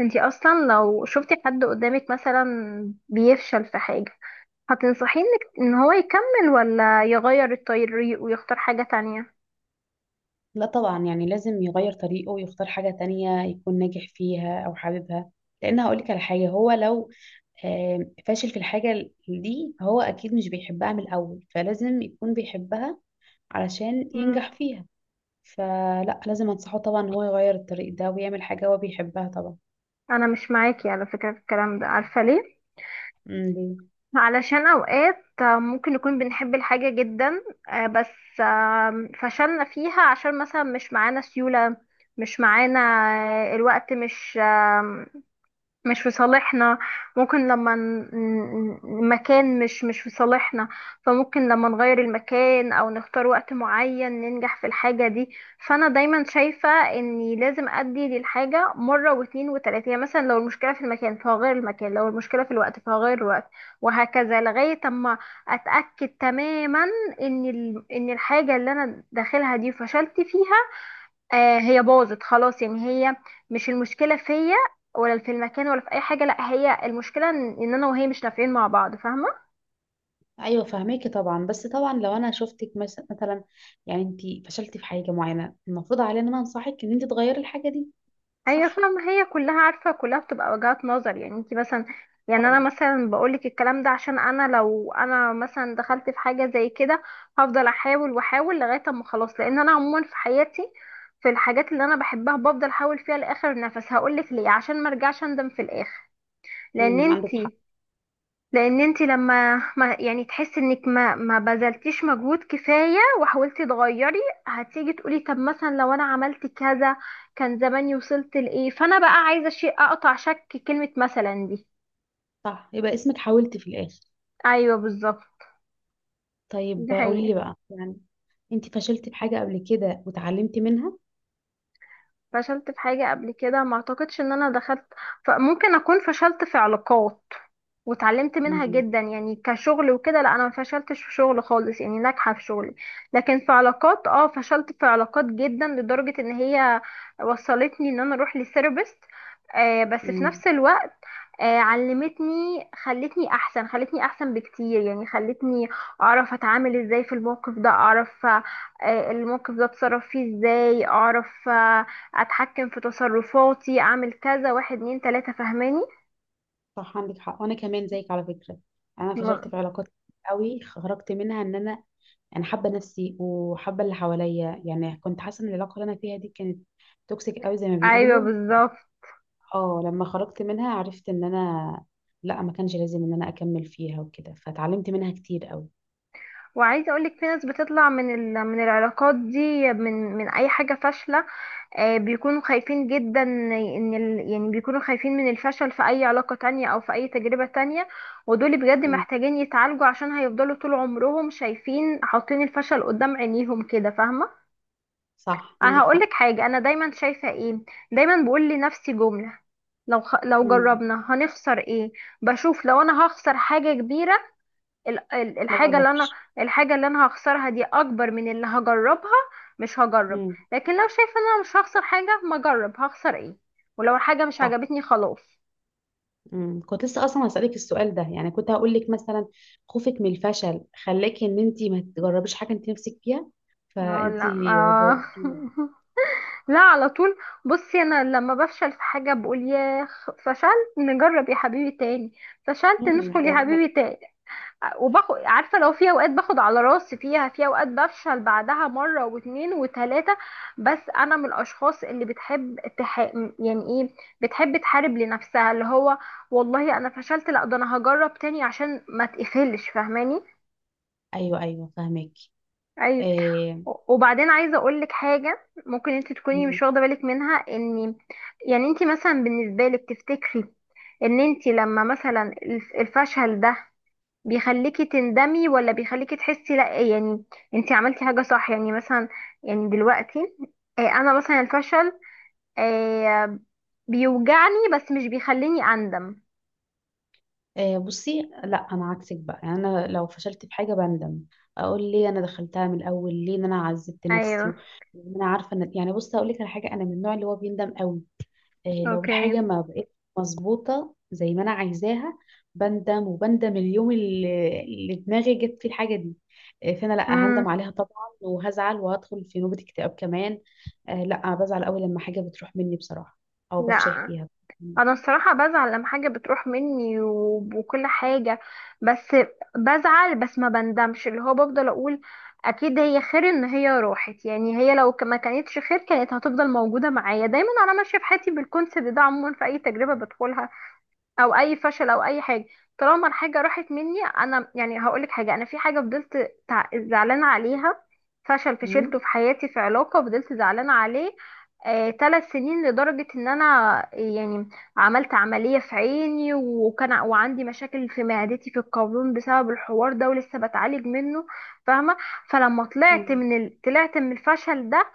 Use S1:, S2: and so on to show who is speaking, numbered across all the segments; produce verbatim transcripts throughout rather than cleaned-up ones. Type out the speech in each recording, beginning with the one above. S1: انتي اصلا لو شفتي حد قدامك مثلا بيفشل في حاجة، هتنصحيه انك ان هو يكمل ولا يغير الطريق ويختار حاجة تانية؟
S2: لا، طبعا يعني لازم يغير طريقه ويختار حاجة تانية يكون ناجح فيها أو حاببها، لأن هقولك على حاجة، هو لو آه، فاشل في الحاجة دي فهو أكيد مش بيحبها من الأول، فلازم يكون بيحبها علشان
S1: مم.
S2: ينجح فيها. فلا، لازم أنصحه طبعا إن هو يغير الطريق ده ويعمل حاجة هو بيحبها طبعا.
S1: انا مش معاكي على فكرة في الكلام ده، عارفة ليه؟
S2: مم.
S1: علشان اوقات آه، ممكن نكون بنحب الحاجة جدا، آه، بس آه، فشلنا فيها عشان مثلا مش معانا سيولة، مش معانا، آه، الوقت مش آه، مش في صالحنا. ممكن لما ن- ن- المكان مش مش في صالحنا، فممكن لما نغير المكان او نختار وقت معين ننجح في الحاجة دي. فانا دايما شايفة اني لازم ادي للحاجة مرة واتنين وتلاتة، يعني مثلا لو المشكلة في المكان فهغير المكان، لو المشكلة في الوقت فهغير الوقت، وهكذا لغاية اما اتأكد تماما ان ال- ان الحاجة اللي انا داخلها دي فشلت فيها، آه هي باظت خلاص. يعني هي مش المشكلة فيا ولا في المكان ولا في اي حاجة، لا، هي المشكلة ان إن انا وهي مش نافعين مع بعض، فاهمة.
S2: أيوة فهميكي طبعا، بس طبعا لو أنا شفتك مس- مثلا، يعني أنت فشلتي في حاجة معينة، المفروض علينا إن أنا أنصحك إن أنت تغيري الحاجة دي،
S1: ايوه،
S2: صح؟
S1: فاهمة، هي كلها عارفة كلها بتبقى وجهات نظر. يعني انت مثلا، يعني انا
S2: طبعا.
S1: مثلا بقولك الكلام ده عشان انا لو انا مثلا دخلت في حاجة زي كده هفضل احاول واحاول لغاية اما خلاص. لان انا عموما في حياتي، في الحاجات اللي انا بحبها بفضل احاول فيها لاخر نفس. هقولك ليه، عشان ما ارجعش اندم في الاخر. لان
S2: امم
S1: انت
S2: عندك حق.
S1: لان انت لما ما يعني تحسي انك ما ما بذلتيش مجهود كفايه وحاولتي تغيري، هتيجي تقولي طب مثلا لو انا عملت كذا كان زماني وصلت لايه. فانا بقى عايزه شيء اقطع شك كلمه مثلا دي.
S2: صح، يبقى اسمك حاولت في الآخر.
S1: ايوه بالظبط.
S2: طيب
S1: ده
S2: قولي
S1: حقيقي.
S2: لي بقى، يعني انت فشلتي في حاجة قبل كده وتعلمتي منها؟
S1: فشلت في حاجه قبل كده؟ ما اعتقدش ان انا دخلت، فممكن اكون فشلت في علاقات واتعلمت منها
S2: امم.
S1: جدا. يعني كشغل وكده لا، انا ما فشلتش في شغل خالص، يعني ناجحه في شغلي. لكن في علاقات، اه فشلت في علاقات جدا لدرجه ان هي وصلتني ان انا اروح لثيرابيست. آه بس في
S2: امم.
S1: نفس الوقت آه علمتني، خلتني احسن، خلتني احسن بكتير. يعني خلتني اعرف اتعامل ازاي في الموقف ده، اعرف، آه الموقف ده اتصرف فيه ازاي، اعرف، آه اتحكم في تصرفاتي، اعمل كذا، واحد اتنين تلاته، فاهماني.
S2: صح، عندك حق. وانا كمان زيك على فكرة، انا فشلت
S1: م-
S2: في علاقات كتير قوي، خرجت منها ان انا انا حابة نفسي وحابة اللي حواليا. يعني كنت حاسة ان العلاقة اللي انا فيها دي كانت توكسيك قوي، زي ما
S1: ايوه
S2: بيقولوا.
S1: بالظبط.
S2: اه، لما خرجت منها عرفت ان انا، لا، ما كانش لازم ان انا اكمل فيها وكده، فتعلمت منها كتير قوي.
S1: وعايزه اقولك في ناس بتطلع من ال... من العلاقات دي، من من اي حاجه فاشله، آه، بيكونوا خايفين جدا ان ال... يعني بيكونوا خايفين من الفشل في اي علاقه تانية او في اي تجربه تانية. ودول بجد
S2: امم.
S1: محتاجين يتعالجوا عشان هيفضلوا طول عمرهم شايفين، حاطين الفشل قدام عينيهم كده، فاهمه.
S2: صح،
S1: انا
S2: عندك حق.
S1: هقولك حاجه انا دايما شايفه ايه. دايما بقول لنفسي جمله، لو خ... لو
S2: امم.
S1: جربنا هنخسر ايه؟ بشوف لو انا هخسر حاجه كبيره، ال- ال-
S2: ما
S1: الحاجة اللي انا
S2: جربش.
S1: الحاجة اللي انا هخسرها دي اكبر من اللي هجربها، مش هجرب.
S2: مم.
S1: لكن لو شايفة ان انا مش هخسر حاجة، ما اجرب، هخسر ايه؟ ولو الحاجة مش
S2: صح.
S1: عجبتني خلاص.
S2: امم كنت لسه اصلا هسألك السؤال ده، يعني كنت هقول لك مثلا، خوفك من الفشل خلاكي ان انت ما تجربيش حاجه انت نفسك فيها،
S1: ما
S2: فانت
S1: لا ما
S2: جاوبتيني.
S1: لا، على طول. بصي، انا لما بفشل في حاجة بقول يا فشلت نجرب يا حبيبي تاني، فشلت
S2: أمم،
S1: ندخل يا
S2: هقول لك-
S1: حبيبي تاني. وباخد، عارفه، لو في اوقات باخد على راسي فيها، في اوقات بفشل بعدها مره واتنين وتلاته. بس انا من الاشخاص اللي بتحب تح... يعني ايه، بتحب تحارب لنفسها، اللي هو والله انا فشلت، لا ده انا هجرب تاني عشان ما تقفلش، فاهماني.
S2: ايوه ايوه، فاهمك.
S1: ايوه.
S2: آه
S1: وبعدين عايزه اقول لك حاجه ممكن انت تكوني مش واخده بالك منها. ان يعني انت مثلا بالنسبه لك، تفتكري ان انت لما مثلا الف- الفشل ده بيخليكي تندمي ولا بيخليكي تحسي لا، يعني انتي عملتي حاجة صح؟ يعني مثلا، يعني دلوقتي، آه، انا مثلا الفشل آه، بيوجعني بس مش بيخليني اندم.
S2: آه. بصي، لا انا عكسك بقى. يعني انا لو فشلت في حاجه بندم، اقول ليه انا دخلتها من الاول؟ ليه إن انا عذبت نفسي
S1: ايوه.
S2: و- وإن انا عارفه ان، يعني بصي هقول لك على حاجه، انا من النوع اللي هو بيندم قوي. آه، لو الحاجة
S1: اوكي.
S2: ما بقتش مظبوطة زي ما أنا عايزاها، بندم وبندم اليوم اللي اللي دماغي جت فيه الحاجة دي. آه، فأنا لأ هندم
S1: امم.
S2: عليها طبعا، وهزعل وهدخل في نوبة اكتئاب كمان. آه، لأ بزعل أوي لما حاجة بتروح مني بصراحة، أو
S1: لا،
S2: بفشل فيها.
S1: انا الصراحه بزعل لما حاجه بتروح مني وب- وكل حاجه، بس بزعل بس ما بندمش، اللي هو بفضل اقول اكيد هي خير ان هي راحت، يعني هي لو ك- ما كانتش خير كانت هتفضل موجوده معايا. دايما انا ماشيه في حياتي بالكونسيبت ده عموما في اي تجربه بدخلها او اي فشل او اي حاجه طالما الحاجه راحت مني. انا يعني هقولك حاجه، انا في حاجه فضلت تع- زعلانه عليها، فشل فشلته
S2: مم.
S1: في حياتي في علاقه فضلت زعلانه عليه آه، ثلاث سنين، لدرجة ان انا يعني عملت عملية في عيني، وكان ع- وعندي مشاكل في معدتي في القولون بسبب الحوار ده ولسه بتعالج منه، فاهمة. فلما طلعت
S2: مم.
S1: من ال... طلعت من الفشل ده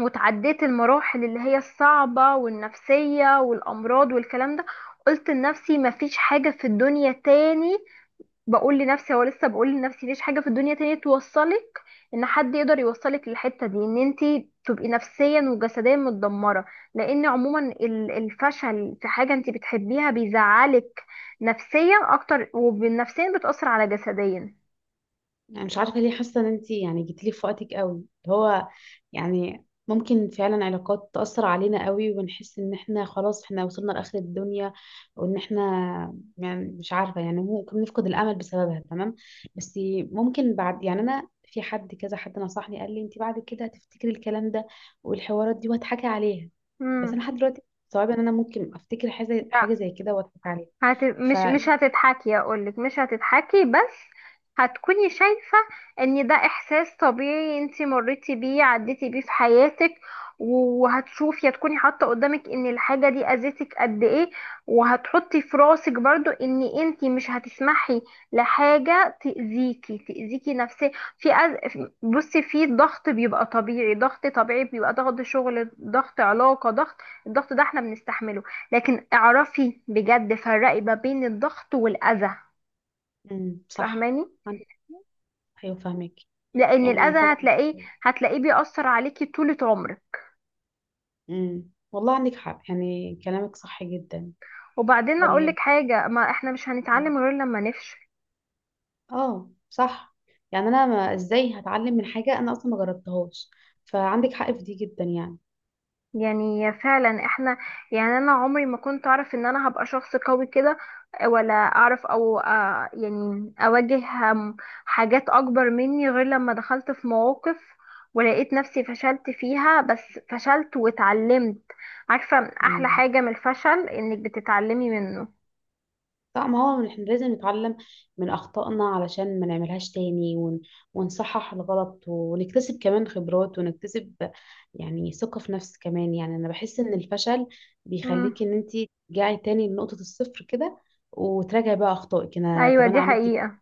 S1: وتعديت المراحل اللي هي الصعبة والنفسية والأمراض والكلام ده، قلت لنفسي مفيش حاجة في الدنيا تاني، بقول لنفسي هو لسه بقول لنفسي مفيش حاجة في الدنيا تاني توصلك، ان حد يقدر يوصلك للحتة دي، ان انتي تبقي نفسيا وجسديا متدمرة. لان عموما ال- الفشل في حاجة انتي بتحبيها بيزعلك نفسيا اكتر، وبالنفسيا بتأثر على جسديا.
S2: يعني مش عارفة ليه حاسة ان انتي يعني جيتيلي في وقتك قوي. هو يعني ممكن فعلا علاقات تأثر علينا قوي، ونحس ان احنا خلاص احنا وصلنا لآخر الدنيا، وان احنا، يعني مش عارفة، يعني ممكن نفقد الأمل بسببها، تمام. بس ممكن بعد، يعني انا في حد كذا، حد نصحني قال لي انتي بعد كده هتفتكري الكلام ده والحوارات دي وهتحكي عليها. بس
S1: مم.
S2: انا لحد دلوقتي صعب ان انا ممكن افتكر حاجة حاجة زي كده واضحك عليها.
S1: هت...
S2: ف
S1: مش مش هتتحكي، اقولك مش هتتحكي، بس هتكوني شايفة ان ده احساس طبيعي، انتي مريتي بيه، عديتي بيه في حياتك، و- وهتشوفي، هتكوني حاطة قدامك ان الحاجة دي اذتك قد ايه، وهتحطي في راسك برضو ان انتي مش هتسمحي لحاجة تأذيكي تأذيكي نفسيا. في أز... بصي، في ضغط بيبقى طبيعي، ضغط طبيعي بيبقى ضغط شغل، ضغط علاقة، ضغط، الضغط ده احنا بنستحمله. لكن اعرفي بجد فرقي ما بين الضغط والأذى،
S2: مم، صح،
S1: فاهماني.
S2: عندك. ايوه فاهمك،
S1: لأن
S2: يعني
S1: الأذى
S2: طبعا.
S1: هتلاقيه هتلاقيه بيأثر عليكي طولة عمرك.
S2: امم والله عندك حق، يعني كلامك صح جدا.
S1: وبعدين
S2: طيب،
S1: أقولك حاجة، ما احنا مش هنتعلم غير لما نفشل.
S2: اه، صح. يعني انا، ما ازاي هتعلم من حاجه انا اصلا ما جربتهاش؟ فعندك حق في دي جدا يعني.
S1: يعني فعلا احنا، يعني انا عمري ما كنت اعرف ان انا هبقى شخص قوي كده، ولا اعرف او آه، يعني اواجه آم، حاجات اكبر مني غير لما دخلت في مواقف ولقيت نفسي فشلت فيها، بس فشلت واتعلمت. عارفة، احلى
S2: امم.
S1: حاجة من الفشل انك بتتعلمي منه.
S2: صح، ما هو احنا لازم نتعلم من اخطائنا علشان ما نعملهاش تاني، ون... ونصحح الغلط ونكتسب كمان خبرات، ونكتسب يعني ثقه في نفس كمان. يعني انا بحس ان الفشل
S1: مم.
S2: بيخليك ان انت ترجعي تاني لنقطه الصفر كده، وتراجعي بقى اخطائك. انا
S1: ايوه،
S2: طب انا
S1: دي
S2: عملت،
S1: حقيقة.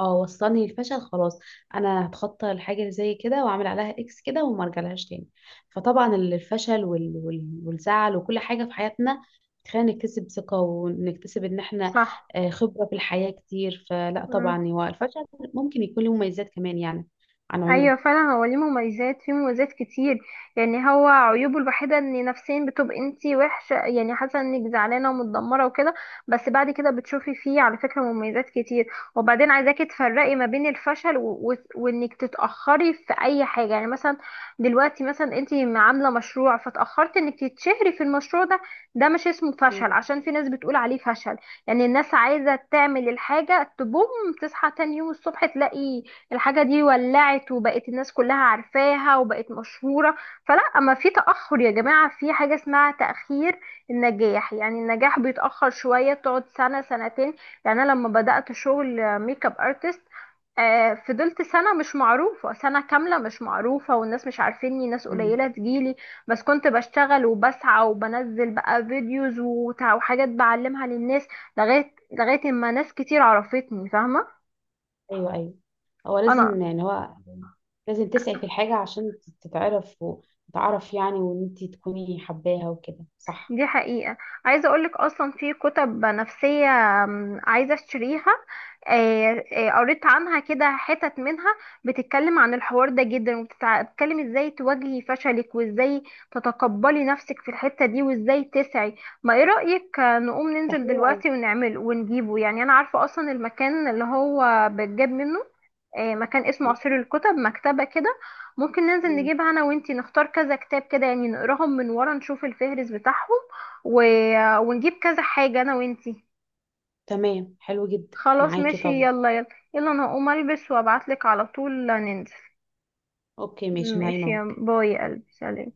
S2: اه، وصلني للفشل خلاص، انا هتخطى الحاجه زي كده، واعمل عليها اكس كده وما ارجعلهاش تاني. فطبعا ال- الفشل وال... وال... والزعل وكل حاجه في حياتنا، خلينا نكتسب ثقه، ونكتسب ان احنا
S1: صح.
S2: آه، خبره في الحياه كتير. فلا
S1: مم.
S2: طبعا هو الفشل ممكن يكون له مميزات كمان، يعني عن عيوب.
S1: ايوه فعلا، هو ليه مميزات، فيه مميزات كتير. يعني هو عيوبه الوحيده ان نفسيا بتبقى انتي وحشه، يعني حاسه انك زعلانه ومتدمره وكده، بس بعد كده بتشوفي فيه على فكره مميزات كتير. وبعدين عايزاكي تفرقي ما بين الفشل و... و... وانك تتاخري في اي حاجه. يعني مثلا دلوقتي مثلا انتي عامله مشروع فتاخرت انك تتشهري في المشروع ده، ده مش اسمه فشل
S2: مم.
S1: عشان في ناس بتقول عليه فشل. يعني الناس عايزه تعمل الحاجه تبوم، تصحى تاني يوم الصبح تلاقي الحاجة دي ولعت وبقت الناس كلها عارفاها وبقت مشهورة. فلا، أما في تأخر يا جماعة، في حاجة اسمها تأخير النجاح، يعني النجاح بيتأخر شوية، بتقعد سنة سنتين. يعني أنا لما بدأت شغل ميك اب ارتست، آه، فضلت سنة مش معروفة، سنة كاملة مش معروفة، والناس مش عارفيني، ناس
S2: مم.
S1: قليلة تجيلي، بس كنت بشتغل وبسعى وبنزل بقى فيديوز وتع- وحاجات بعلمها للناس، لغاية لغاية ما ناس كتير عرفتني، فاهمة.
S2: ايوه ايوه، هو
S1: انا،
S2: لازم، يعني هو لازم تسعي في الحاجه عشان تتعرف وتعرف، يعني وان انت تكوني حباها وكده، صح.
S1: دي حقيقة. عايزة اقولك اصلا في كتب نفسية، أم، عايزة اشتريها، آه، آه، قريت عنها كده حتت منها، بتتكلم عن الحوار ده جدا وبتتكلم ازاي تواجهي فشلك وازاي تتقبلي نفسك في الحتة دي وازاي تسعي. ما ايه رأيك، آه، نقوم
S2: ده
S1: ننزل
S2: حلو قوي.
S1: دلوقتي ونعمل ونجيبه؟ يعني انا عارفة اصلا المكان اللي هو بتجاب منه، آه، مكان اسمه عصير الكتب، مكتبة كده. ممكن ننزل
S2: مم.
S1: نجيبها انا وانتي، نختار كذا كتاب كده، يعني نقراهم من ورا، نشوف الفهرس بتاعهم و... ونجيب كذا حاجة انا وانتي.
S2: تمام، حلو جدا
S1: خلاص
S2: معاكي.
S1: ماشي،
S2: طب،
S1: يلا يلا. يلا، انا هقوم البس وابعتلك على طول ننزل.
S2: اوكي، ماشي، نايمة
S1: ماشي،
S2: أهو.
S1: يا باي يا قلبي، سلام.